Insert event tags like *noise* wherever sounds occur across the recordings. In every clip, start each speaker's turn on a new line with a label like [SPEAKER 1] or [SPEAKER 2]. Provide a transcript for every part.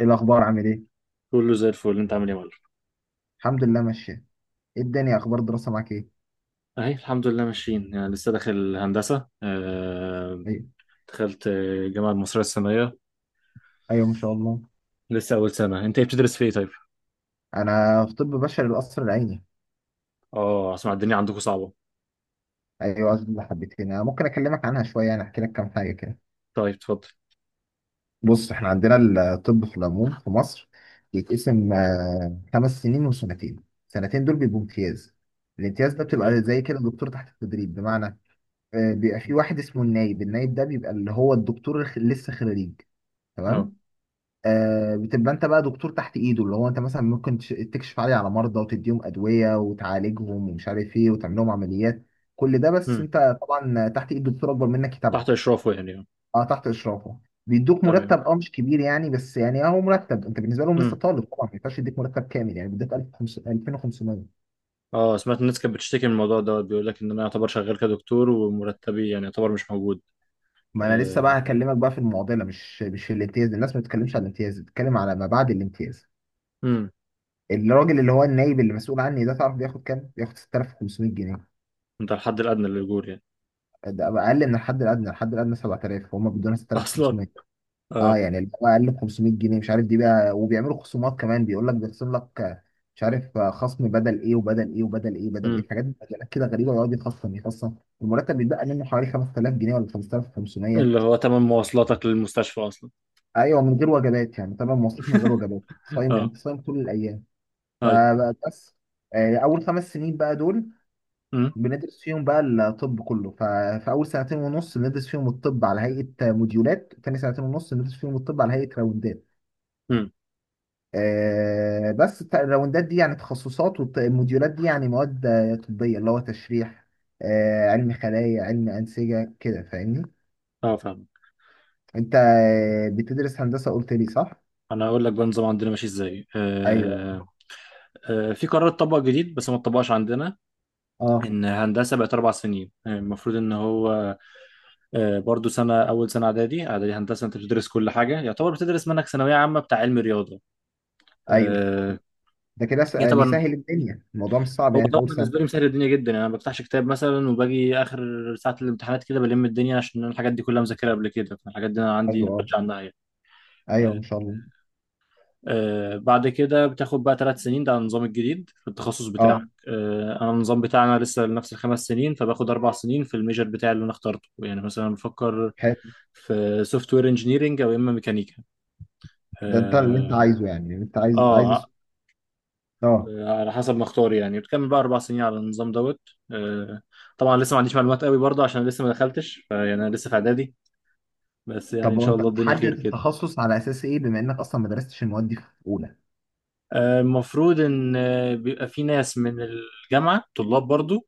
[SPEAKER 1] ايه الاخبار؟ عامل ايه؟
[SPEAKER 2] كله زي الفل. انت عامل ايه يا معلم؟
[SPEAKER 1] الحمد لله ماشيه. ايه الدنيا؟ اخبار الدراسه معاك ايه؟
[SPEAKER 2] اهي الحمد لله، ماشيين يعني. لسه داخل هندسه.
[SPEAKER 1] ايوه.
[SPEAKER 2] دخلت، الجامعه المصريه السنيه.
[SPEAKER 1] ايوه ما شاء الله.
[SPEAKER 2] لسه اول سنه. انت ايه، بتدرس في ايه طيب؟
[SPEAKER 1] انا في طب بشري القصر العيني.
[SPEAKER 2] اه، اسمع، الدنيا عندكم صعبه.
[SPEAKER 1] ايوه، اللي حبيتين انا ممكن اكلمك عنها شويه، يعني احكي لك كام حاجه كده.
[SPEAKER 2] طيب اتفضل.
[SPEAKER 1] بص احنا عندنا الطب في العموم في مصر يتقسم خمس سنين وسنتين. سنتين دول بيبقوا امتياز. الامتياز ده
[SPEAKER 2] اوكي.
[SPEAKER 1] بتبقى زي كده دكتور تحت التدريب، بمعنى بيبقى في واحد اسمه النايب. النايب ده بيبقى اللي هو الدكتور لسه خريج،
[SPEAKER 2] اه.
[SPEAKER 1] تمام. آه بتبقى انت بقى دكتور تحت ايده، اللي هو انت مثلا ممكن تكشف عليه، على مرضى، وتديهم ادويه، وتعالجهم ومش عارف ايه، وتعمل لهم عمليات. كل ده بس
[SPEAKER 2] امم.
[SPEAKER 1] انت طبعا تحت ايد دكتور اكبر منك
[SPEAKER 2] تحت
[SPEAKER 1] يتابعك.
[SPEAKER 2] اشرافه يعني اه.
[SPEAKER 1] اه، تحت اشرافه. بيدوك
[SPEAKER 2] تمام.
[SPEAKER 1] مرتب، اه مش كبير يعني، بس يعني اهو مرتب. انت بالنسبه لهم لسه
[SPEAKER 2] امم.
[SPEAKER 1] طالب طبعا، ما ينفعش يديك مرتب كامل، يعني بيديك 2500.
[SPEAKER 2] اه، سمعت الناس كانت بتشتكي من الموضوع دوت، بيقول لك ان انا يعتبر شغال كدكتور ومرتبي يعني يعتبر مش موجود.
[SPEAKER 1] ما انا لسه بقى
[SPEAKER 2] آه،
[SPEAKER 1] هكلمك بقى في المعضله، مش في الامتياز. الناس ما بتتكلمش على الامتياز، بتتكلم على ما بعد الامتياز.
[SPEAKER 2] امم.
[SPEAKER 1] الراجل اللي هو النايب اللي مسؤول عني ده، تعرف بياخد كام؟ بياخد 6500 جنيه.
[SPEAKER 2] انت الحد الادنى للاجور يعني.
[SPEAKER 1] ده اقل من الحد الادنى. الحد الادنى 7000 وهم بيدونا
[SPEAKER 2] *laughs* اصلا.
[SPEAKER 1] 6500. اه،
[SPEAKER 2] اه.
[SPEAKER 1] يعني اللي هو اقل ب 500 جنيه، مش عارف دي بقى. وبيعملوا خصومات كمان، بيقول لك بيخصم لك مش عارف خصم بدل ايه وبدل ايه وبدل ايه، بدل
[SPEAKER 2] امم.
[SPEAKER 1] ايه؟ حاجات مجالات كده غريبه، ويقعد يخصم يخصم. المرتب بيتبقى منه حوالي 5000 جنيه ولا 5500.
[SPEAKER 2] اللي هو تمن مواصلاتك للمستشفى اصلا.
[SPEAKER 1] ايوه من غير وجبات يعني، طبعا مواصلات من غير وجبات، صايم،
[SPEAKER 2] اه.
[SPEAKER 1] انت صايم طول الايام.
[SPEAKER 2] ايوه.
[SPEAKER 1] فبس. اول خمس سنين بقى دول بندرس فيهم بقى الطب كله. ففي اول سنتين ونص بندرس فيهم الطب على هيئه موديولات، تاني سنتين ونص بندرس فيهم الطب على هيئه راوندات.
[SPEAKER 2] امم.
[SPEAKER 1] آه بس الراوندات دي يعني تخصصات، والموديولات دي يعني مواد طبيه، اللي هو تشريح، آه علم خلايا، علم انسجه كده، فاهمني؟
[SPEAKER 2] اه فاهم.
[SPEAKER 1] انت بتدرس هندسه قلت لي، صح؟
[SPEAKER 2] انا اقول لك بقى النظام عندنا ماشي ازاي
[SPEAKER 1] ايوه.
[SPEAKER 2] آه في قرار اتطبق جديد بس ما اتطبقش عندنا،
[SPEAKER 1] اه.
[SPEAKER 2] ان هندسه بقت اربع سنين. المفروض ان هو، برضو سنه، اول سنه اعدادي، اعدادي هندسه، انت بتدرس كل حاجه. يعتبر بتدرس منك ثانويه عامه بتاع علم رياضه.
[SPEAKER 1] ايوه
[SPEAKER 2] آه
[SPEAKER 1] ده كده س- آه،
[SPEAKER 2] يعتبر.
[SPEAKER 1] بيسهل الدنيا، الموضوع مش صعب
[SPEAKER 2] هو
[SPEAKER 1] يعني في
[SPEAKER 2] طبعا
[SPEAKER 1] اول سنه.
[SPEAKER 2] بالنسبه لي مسهل الدنيا جدا، يعني انا ما بفتحش كتاب مثلا، وباجي اخر ساعه الامتحانات كده بلم الدنيا، عشان أنا الحاجات دي كلها مذاكرها قبل كده، فالحاجات دي انا عندي
[SPEAKER 1] ايوه. اه.
[SPEAKER 2] نولج عنها يعني.
[SPEAKER 1] ايوه ما شاء الله.
[SPEAKER 2] بعد كده بتاخد بقى ثلاث سنين، ده النظام الجديد في التخصص بتاعك.
[SPEAKER 1] اه.
[SPEAKER 2] انا النظام بتاعنا لسه لنفس الخمس سنين، فباخد اربع سنين في الميجر بتاعي اللي انا اخترته. يعني مثلا بفكر
[SPEAKER 1] حلو.
[SPEAKER 2] في سوفت وير انجينيرنج او اما ميكانيكا.
[SPEAKER 1] ده انت اللي انت
[SPEAKER 2] آه,
[SPEAKER 1] عايزه يعني، اللي انت عايز
[SPEAKER 2] اه
[SPEAKER 1] عايز اه.
[SPEAKER 2] على حسب ما اختار يعني. بتكمل بقى اربع سنين على النظام دوت. آه طبعا لسه ما عنديش معلومات قوي برضه، عشان لسه ما دخلتش، فيعني انا لسه في اعدادي. بس يعني
[SPEAKER 1] طب
[SPEAKER 2] ان شاء
[SPEAKER 1] وانت
[SPEAKER 2] الله الدنيا خير
[SPEAKER 1] بتحدد
[SPEAKER 2] كده.
[SPEAKER 1] التخصص على اساس ايه، بما انك اصلا ما درستش المواد دي في اولى؟
[SPEAKER 2] المفروض ان بيبقى في ناس من الجامعه، طلاب برضو،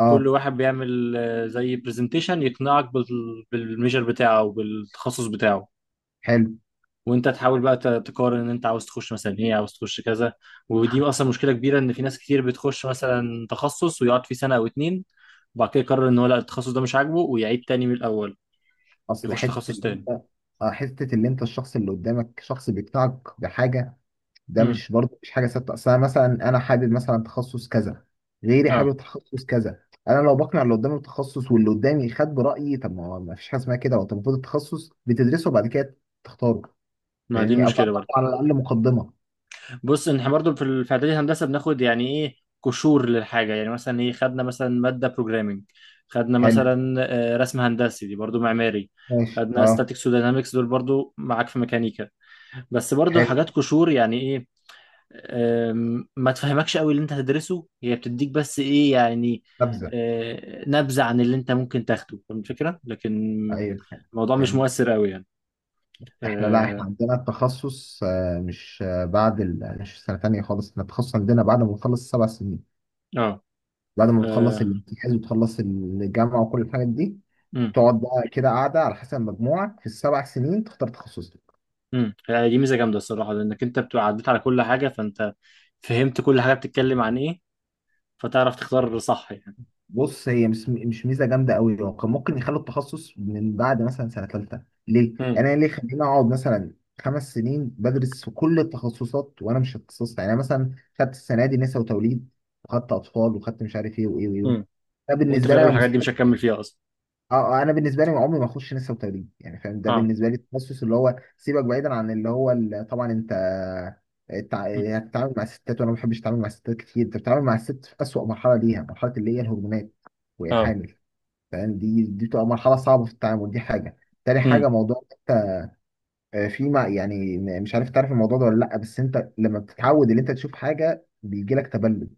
[SPEAKER 1] اه.
[SPEAKER 2] كل واحد بيعمل زي برزنتيشن يقنعك بالميجر بتاعه وبالتخصص بتاعه.
[SPEAKER 1] حلو.
[SPEAKER 2] وانت تحاول بقى تقارن ان انت عاوز تخش مثلا ايه، عاوز تخش كذا. ودي اصلا مشكله كبيره، ان في ناس كتير بتخش مثلا تخصص ويقعد فيه سنه او اتنين، وبعد كده يقرر ان هو لا، التخصص ده مش عاجبه، ويعيد تاني من الاول،
[SPEAKER 1] اصل
[SPEAKER 2] يخش
[SPEAKER 1] حته
[SPEAKER 2] تخصص
[SPEAKER 1] اللي
[SPEAKER 2] تاني.
[SPEAKER 1] انت، اه حته اللي انت، الشخص اللي قدامك شخص بيقنعك بحاجه، ده
[SPEAKER 2] امم.
[SPEAKER 1] مش برضه، مش حاجه ثابته. اصل انا مثلا انا حابب مثلا تخصص كذا، غيري
[SPEAKER 2] اه.
[SPEAKER 1] حابب تخصص كذا. انا لو بقنع اللي قدامي بتخصص، واللي قدامي خد برايي، طب ما هو ما فيش حاجه اسمها كده. وانت المفروض التخصص بتدرسه وبعد كده تختاره.
[SPEAKER 2] ما دي
[SPEAKER 1] يعني او تعمل
[SPEAKER 2] المشكله برضه.
[SPEAKER 1] على الاقل مقدمه.
[SPEAKER 2] بص، إن احنا برضو في في اعدادي هندسه بناخد يعني ايه، قشور للحاجه. يعني مثلا ايه، خدنا مثلا ماده بروجرامنج، خدنا
[SPEAKER 1] حلو.
[SPEAKER 2] مثلا رسم هندسي، دي برضو معماري.
[SPEAKER 1] ماشي.
[SPEAKER 2] خدنا
[SPEAKER 1] اه.
[SPEAKER 2] ستاتيكس ودينامكس، دول برضو معاك في ميكانيكا. بس برضو
[SPEAKER 1] حلو.
[SPEAKER 2] حاجات قشور، يعني ايه. ما تفهمكش قوي اللي انت هتدرسه، هي بتديك بس ايه يعني،
[SPEAKER 1] نبذه.
[SPEAKER 2] نبذه عن اللي انت ممكن تاخده. فاهم الفكره، لكن
[SPEAKER 1] ايوه.
[SPEAKER 2] الموضوع مش
[SPEAKER 1] فهمت.
[SPEAKER 2] مؤثر قوي يعني.
[SPEAKER 1] احنا، لا احنا
[SPEAKER 2] اه.
[SPEAKER 1] عندنا التخصص آه، مش آه، بعد مش سنة تانية خالص، احنا التخصص عندنا بعد ما بتخلص سبع سنين.
[SPEAKER 2] اه.
[SPEAKER 1] بعد ما بتخلص
[SPEAKER 2] آه،
[SPEAKER 1] الامتياز وتخلص الجامعة وكل الحاجات دي،
[SPEAKER 2] مم.
[SPEAKER 1] تقعد بقى كده قاعدة على حسب مجموعك في السبع سنين تختار تخصصك.
[SPEAKER 2] امم، يعني دي ميزه جامده الصراحه، لانك انت بتبقى عديت على كل حاجه، فانت فهمت كل حاجه بتتكلم عن ايه، فتعرف تختار صح يعني.
[SPEAKER 1] بص هي مش ميزة جامدة قوي، هو كان ممكن يخلوا التخصص من بعد مثلا سنة تالتة. ليه؟
[SPEAKER 2] امم.
[SPEAKER 1] أنا ليه خليني أقعد مثلا خمس سنين بدرس في كل التخصصات وأنا مش اتخصصت؟ يعني أنا مثلا خدت السنة دي نساء وتوليد، وخدت أطفال، وخدت مش عارف إيه وإيه وإيه.
[SPEAKER 2] امم.
[SPEAKER 1] ده
[SPEAKER 2] وانت في
[SPEAKER 1] بالنسبة لي
[SPEAKER 2] الاغلب
[SPEAKER 1] أنا.
[SPEAKER 2] الحاجات دي مش هتكمل فيها اصلا.
[SPEAKER 1] اه. انا بالنسبه لي عمري ما اخش نسا وتدريب يعني، فاهم؟ ده
[SPEAKER 2] اه.
[SPEAKER 1] بالنسبه لي التخصص اللي هو سيبك بعيدا عن اللي هو طبعا انت
[SPEAKER 2] مم.
[SPEAKER 1] يعني هتتعامل مع الستات، وانا ما بحبش اتعامل مع الستات كتير. انت بتتعامل مع الست في اسوأ مرحله ليها، مرحله اللي هي الهرمونات وهي
[SPEAKER 2] اه.
[SPEAKER 1] حامل. فاهم؟ دي بتبقى مرحله صعبه في التعامل، دي حاجه. تاني
[SPEAKER 2] امم.
[SPEAKER 1] حاجه، موضوع في ما يعني مش عارف تعرف الموضوع ده ولا لا، بس انت لما بتتعود ان انت تشوف حاجه بيجي لك تبلد.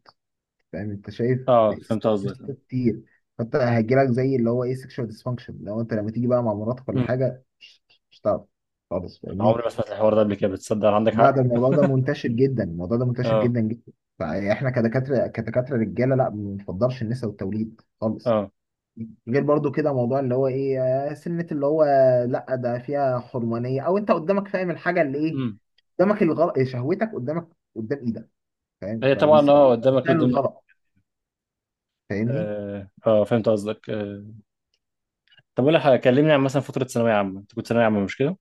[SPEAKER 1] فاهم؟ انت شايف،
[SPEAKER 2] اه فهمت قصدك.
[SPEAKER 1] تستفاد كتير. فانت هيجيلك زي اللي هو ايه، سكشوال ديسفانكشن. لو انت لما تيجي بقى مع مراتك ولا
[SPEAKER 2] امم.
[SPEAKER 1] حاجه، مش هتعرف خالص، فاهمني؟
[SPEAKER 2] عمري ما سمعت الحوار ده قبل كده، بتصدق عندك
[SPEAKER 1] لا،
[SPEAKER 2] حق.
[SPEAKER 1] ده الموضوع ده
[SPEAKER 2] *laughs*
[SPEAKER 1] منتشر جدا، الموضوع ده منتشر
[SPEAKER 2] اه.
[SPEAKER 1] جدا جدا. فاحنا كدكاتره رجاله، لا ما بنفضلش النساء والتوليد خالص.
[SPEAKER 2] اه.
[SPEAKER 1] غير برضو كده موضوع اللي هو ايه، آه، سنة اللي هو لا ده فيها حرمانية. او انت قدامك، فاهم الحاجة اللي ايه،
[SPEAKER 2] امم.
[SPEAKER 1] قدامك الغلط، شهوتك قدامك، قدام ايدك، فاهم؟
[SPEAKER 2] هي طبعا،
[SPEAKER 1] فبيسهل
[SPEAKER 2] اه، قدامك قدامك.
[SPEAKER 1] الغلط، فاهمني؟
[SPEAKER 2] فهمت قصدك. طب اقول لك حاجة، كلمني عن مثلا فتره ثانويه عامه. انت كنت ثانويه عامه مش كده؟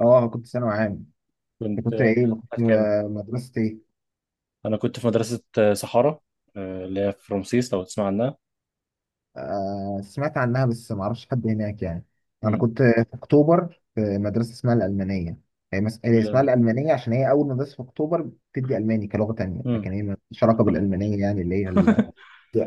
[SPEAKER 1] اه كنت ثانوي عام. انت
[SPEAKER 2] كنت
[SPEAKER 1] كنت
[SPEAKER 2] انت
[SPEAKER 1] ايه؟ ما كنت
[SPEAKER 2] كام؟
[SPEAKER 1] مدرسة ايه؟
[SPEAKER 2] انا كنت في مدرسه صحارى، اللي هي في رمسيس، لو تسمع عنها.
[SPEAKER 1] آه سمعت عنها، بس ما اعرفش حد هناك يعني. انا
[SPEAKER 2] مم.
[SPEAKER 1] كنت في اكتوبر في مدرسة اسمها الألمانية. هي هي اسمها
[SPEAKER 2] لا.
[SPEAKER 1] الألمانية عشان هي أول مدرسة في أكتوبر بتدي ألماني كلغة تانية،
[SPEAKER 2] مم.
[SPEAKER 1] لكن هي مالهاش علاقة
[SPEAKER 2] *laughs* اه أوكي.
[SPEAKER 1] بالألمانية يعني، اللي هي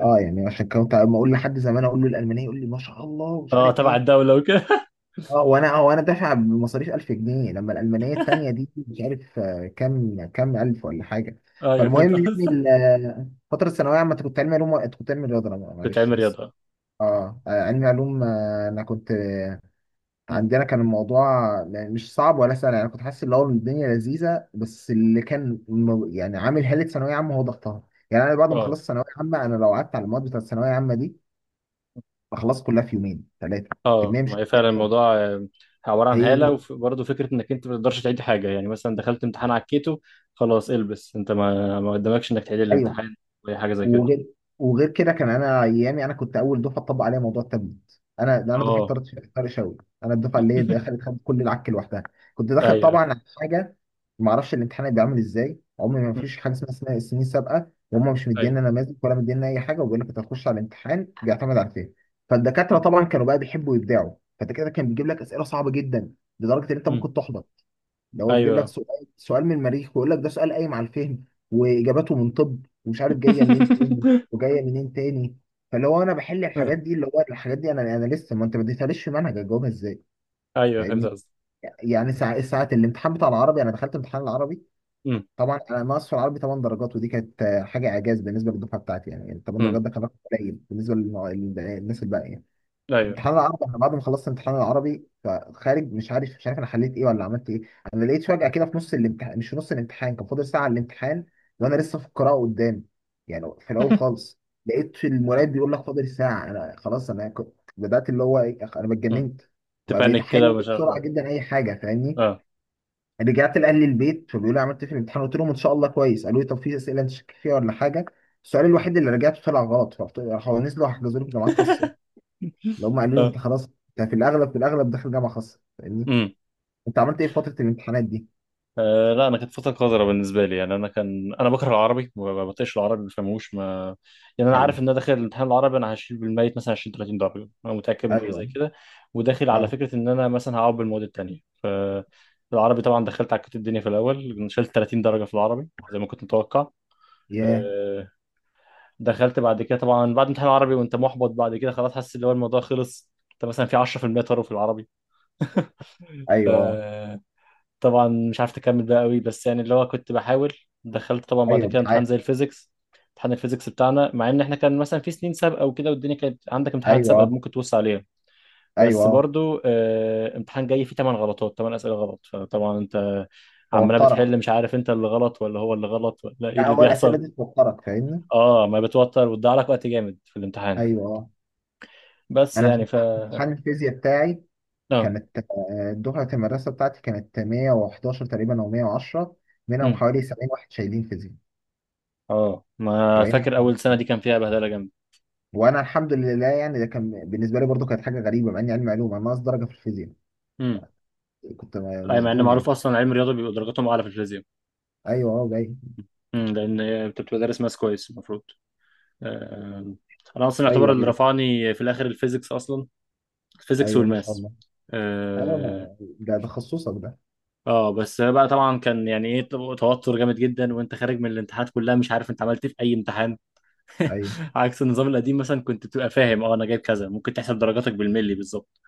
[SPEAKER 1] اه. يعني عشان كنت أما أقول لحد زمان أقول له الألمانية، يقول لي ما شاء الله، ومش عارف
[SPEAKER 2] تبع
[SPEAKER 1] إيه.
[SPEAKER 2] الدوله وكده. *laughs*
[SPEAKER 1] وانا دافع بمصاريف 1000 جنيه لما الالمانيه التانيه دي مش عارف كام الف ولا حاجه.
[SPEAKER 2] اه، يا فهمت
[SPEAKER 1] فالمهم يعني
[SPEAKER 2] قصدك.
[SPEAKER 1] فتره الثانويه عامه كنت علمي علوم، انت كنت علمي رياضه، أنا
[SPEAKER 2] كنت
[SPEAKER 1] معلش
[SPEAKER 2] علمي
[SPEAKER 1] بس.
[SPEAKER 2] رياضه.
[SPEAKER 1] اه. علمي علوم. آه، انا كنت آه،
[SPEAKER 2] مم.
[SPEAKER 1] عندنا كان الموضوع مش صعب ولا سهل يعني، كنت حاسس اللي هو الدنيا لذيذه. بس اللي كان يعني عامل حاله ثانويه عامه هو ضغطها. يعني انا بعد ما
[SPEAKER 2] اه.
[SPEAKER 1] خلصت ثانويه عامه، انا لو قعدت على المواد بتاعت الثانويه عامه دي بخلص كلها في يومين ثلاثه.
[SPEAKER 2] اه
[SPEAKER 1] كميه
[SPEAKER 2] ما
[SPEAKER 1] مش
[SPEAKER 2] هي
[SPEAKER 1] كتير
[SPEAKER 2] فعلا
[SPEAKER 1] خالص.
[SPEAKER 2] الموضوع، عباره عن هاله،
[SPEAKER 1] هي.
[SPEAKER 2] وبرضه فكره انك انت ما تقدرش تعيد حاجه. يعني مثلا دخلت امتحان عكيته، خلاص البس انت ما قدامكش انك تعيد
[SPEAKER 1] ايوه.
[SPEAKER 2] الامتحان ولا حاجه زي كده.
[SPEAKER 1] وغير، وغير كده كان، انا ايامي انا كنت اول دفعه تطبق عليها موضوع التابلت، انا دفعه
[SPEAKER 2] اه.
[SPEAKER 1] طارق، طارق شوقي. انا الدفعه اللي هي دخلت
[SPEAKER 2] *laughs*
[SPEAKER 1] خدت كل العك لوحدها. كنت داخل طبعا
[SPEAKER 2] ايوه.
[SPEAKER 1] على حاجه ما اعرفش الامتحان هيبقى عامل ازاي، عمري ما
[SPEAKER 2] مم.
[SPEAKER 1] فيش حاجه اسمها السنين السابقه، وهم مش
[SPEAKER 2] ايوه.
[SPEAKER 1] مدينا نماذج ولا مدينا اي حاجه، وبيقول لك انت هتخش على الامتحان بيعتمد على فين. فالدكاتره طبعا كانوا بقى بيحبوا يبدعوا، فالدكاتره كان بيجيب لك اسئله صعبه جدا لدرجه ان انت
[SPEAKER 2] مم.
[SPEAKER 1] ممكن تحبط. ده هو بيجيب لك
[SPEAKER 2] ايوه.
[SPEAKER 1] سؤال من المريخ ويقول لك ده سؤال قايم على الفهم، واجاباته من طب، ومش عارف جايه منين تاني
[SPEAKER 2] *laughs*
[SPEAKER 1] وجايه منين تاني. فاللي هو انا بحل
[SPEAKER 2] آه،
[SPEAKER 1] الحاجات دي، اللي هو الحاجات دي انا لسه، ما انت ما اديتهاليش في منهج، اجاوبها ازاي؟
[SPEAKER 2] ايوه فهمت
[SPEAKER 1] فاهمني؟
[SPEAKER 2] قصدك.
[SPEAKER 1] يعني ساعة ساعات، الامتحان بتاع العربي، انا دخلت امتحان العربي.
[SPEAKER 2] مم.
[SPEAKER 1] طبعا انا ناقص في العربي 8 درجات، ودي كانت حاجه اعجاز بالنسبه للدفعه بتاعتي، يعني يعني 8
[SPEAKER 2] مم.
[SPEAKER 1] درجات ده كان رقم قليل بالنسبه للناس الباقيه.
[SPEAKER 2] ايوه.
[SPEAKER 1] امتحان العربي، انا بعد ما خلصت امتحان العربي فخارج مش عارف انا حليت ايه ولا عملت ايه. انا لقيت فجأة كده في نص الامتحان، مش في نص الامتحان، كان فاضل ساعة على الامتحان وانا لسه في القراءة قدام، يعني في الاول
[SPEAKER 2] *laughs*
[SPEAKER 1] خالص. لقيت
[SPEAKER 2] آه.
[SPEAKER 1] المراقب بيقول لك فاضل ساعة، انا خلاص انا كنت بدأت اللي هو ايه، انا
[SPEAKER 2] مم.
[SPEAKER 1] اتجننت. بقى بقيت
[SPEAKER 2] تبانك كده
[SPEAKER 1] احل
[SPEAKER 2] ومش عارف
[SPEAKER 1] بسرعة
[SPEAKER 2] اه
[SPEAKER 1] جدا اي حاجة، فاهمني؟
[SPEAKER 2] اه.
[SPEAKER 1] رجعت لاهل البيت فبيقولوا لي عملت إيه في الامتحان، قلت لهم ان شاء الله كويس، قالوا لي طب في اسئلة انت شاكك فيها ولا حاجة؟ السؤال الوحيد اللي رجعته طلع غلط، فقلت، راحوا نزلوا حجزوا لي في جامعات خاصة،
[SPEAKER 2] *laughs*
[SPEAKER 1] لو هم قالوا لي انت
[SPEAKER 2] آه.
[SPEAKER 1] خلاص انت في الاغلب، في الاغلب داخل جامعه خاصه. فاهمني؟
[SPEAKER 2] مم.
[SPEAKER 1] انت عملت ايه في فتره الامتحانات دي؟
[SPEAKER 2] لا، انا كانت فتره قذره بالنسبه لي. يعني انا بكره العربي، ما بطيقش العربي، ما بفهموش ما يعني انا
[SPEAKER 1] حقيقي.
[SPEAKER 2] عارف ان انا داخل الامتحان العربي انا هشيل بالميت مثلا 20 30 درجه. انا متاكد من حاجه
[SPEAKER 1] ايوه.
[SPEAKER 2] زي كده. وداخل على
[SPEAKER 1] اه.
[SPEAKER 2] فكره ان انا مثلا هقعد بالمواد التانيه. ف العربي طبعا دخلت عكيت الدنيا في الاول، شلت 30 درجه في العربي زي ما كنت متوقع.
[SPEAKER 1] ياه.
[SPEAKER 2] اه، دخلت بعد كده طبعا بعد امتحان العربي وانت محبط، بعد كده خلاص حاسس ان هو الموضوع خلص، انت مثلا في 10% طار في العربي. *laughs* ف-
[SPEAKER 1] ايوه.
[SPEAKER 2] طبعا مش عارف تكمل بقى قوي، بس يعني اللي هو كنت بحاول. دخلت طبعا بعد
[SPEAKER 1] ايوه
[SPEAKER 2] كده
[SPEAKER 1] بتع...
[SPEAKER 2] امتحان زي الفيزيكس. امتحان الفيزيكس بتاعنا، مع ان احنا كان مثلا في سنين سابقه وكده والدنيا كانت عندك امتحانات
[SPEAKER 1] ايوه.
[SPEAKER 2] سابقه ممكن توص عليها، بس
[SPEAKER 1] ايوه.
[SPEAKER 2] برضو امتحان جاي فيه 8 غلطات، 8 اسئله غلط، فطبعا انت عماله
[SPEAKER 1] توترك.
[SPEAKER 2] بتحل، مش عارف انت اللي غلط ولا هو اللي غلط ولا ايه
[SPEAKER 1] لا
[SPEAKER 2] اللي
[SPEAKER 1] هو الاسئله
[SPEAKER 2] بيحصل.
[SPEAKER 1] دي توترك، فاهمني؟
[SPEAKER 2] اه، ما بتوتر وتضيع لك وقت جامد في الامتحان.
[SPEAKER 1] ايوه.
[SPEAKER 2] بس
[SPEAKER 1] انا
[SPEAKER 2] يعني
[SPEAKER 1] في
[SPEAKER 2] ف
[SPEAKER 1] امتحان الفيزياء بتاعي
[SPEAKER 2] اه.
[SPEAKER 1] كانت دفعه المدرسه بتاعتي كانت 111 تقريبا او 110، منهم
[SPEAKER 2] امم.
[SPEAKER 1] حوالي 70 واحد شايلين فيزياء.
[SPEAKER 2] اه، ما
[SPEAKER 1] 70 واحد.
[SPEAKER 2] فاكر اول سنه دي كان فيها بهدله جامده.
[SPEAKER 1] وانا الحمد لله يعني، ده كان بالنسبه لي برضو كانت حاجه غريبه، مع اني علم علوم انا ناقص درجه في الفيزياء،
[SPEAKER 2] امم.
[SPEAKER 1] كنت
[SPEAKER 2] اي، مع ان
[SPEAKER 1] مصدوم
[SPEAKER 2] معروف
[SPEAKER 1] يعني.
[SPEAKER 2] اصلا علم الرياضه بيبقى درجاتهم اعلى في الفيزياء.
[SPEAKER 1] ايوه. اه جاي.
[SPEAKER 2] امم، لان انت بتبقى دارس ماس كويس المفروض. آه، انا اصلا يعتبر
[SPEAKER 1] ايوه.
[SPEAKER 2] اللي
[SPEAKER 1] ايوه.
[SPEAKER 2] رفعني في الاخر الفيزيكس اصلا. الفيزيكس
[SPEAKER 1] ايوه ما شاء
[SPEAKER 2] والماس.
[SPEAKER 1] الله. ايوه،
[SPEAKER 2] اه.
[SPEAKER 1] ما ده ده تخصصك ده.
[SPEAKER 2] بس بقى طبعا كان يعني ايه، توتر جامد جدا، وانت خارج من الامتحانات كلها مش عارف انت عملت إيه في اي امتحان.
[SPEAKER 1] ايوه.
[SPEAKER 2] عكس النظام القديم، مثلا كنت بتبقى فاهم اه، انا جايب كذا، ممكن تحسب درجاتك بالملي بالظبط.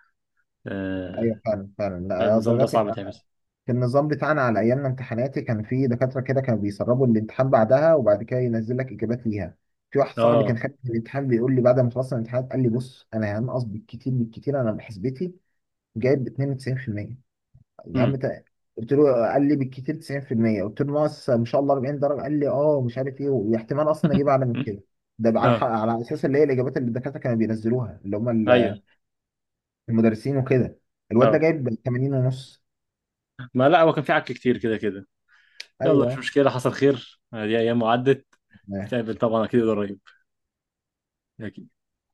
[SPEAKER 1] ايوه
[SPEAKER 2] آه،
[SPEAKER 1] فعلا فعلا. لا
[SPEAKER 2] فالنظام ده
[SPEAKER 1] درجات،
[SPEAKER 2] صعب تحفظ.
[SPEAKER 1] في النظام بتاعنا على ايامنا امتحاناتي، كان في دكاتره كده كانوا بيسربوا الامتحان بعدها وبعد كده ينزل لك اجابات ليها. في واحد صاحبي كان
[SPEAKER 2] اه.
[SPEAKER 1] خارج من الامتحان بيقول لي بعد ما خلصنا الامتحان، قال لي بص انا هنقص بالكتير بالكتير، انا بحسبتي جايب 92%. يا عم
[SPEAKER 2] امم.
[SPEAKER 1] قلت له، قال لي بالكتير 90%، قلت له ناقص ما شاء الله 40 درجه. قال لي اه مش عارف ايه، واحتمال اصلا اجيب اعلى من
[SPEAKER 2] *laughs*
[SPEAKER 1] كده. ده بقى على
[SPEAKER 2] اه.
[SPEAKER 1] حق على اساس اللي هي الاجابات اللي الدكاتره كانوا بينزلوها، اللي هم
[SPEAKER 2] ايوه.
[SPEAKER 1] المدرسين وكده. الواد ده
[SPEAKER 2] اه.
[SPEAKER 1] جايب 80 ونص.
[SPEAKER 2] ما لا، هو كان في عك كتير كده كده. يلا مش
[SPEAKER 1] ايوه.
[SPEAKER 2] مشكلة، حصل خير. دي ايام وعدت. نتقابل طبعا اكيد، قريب.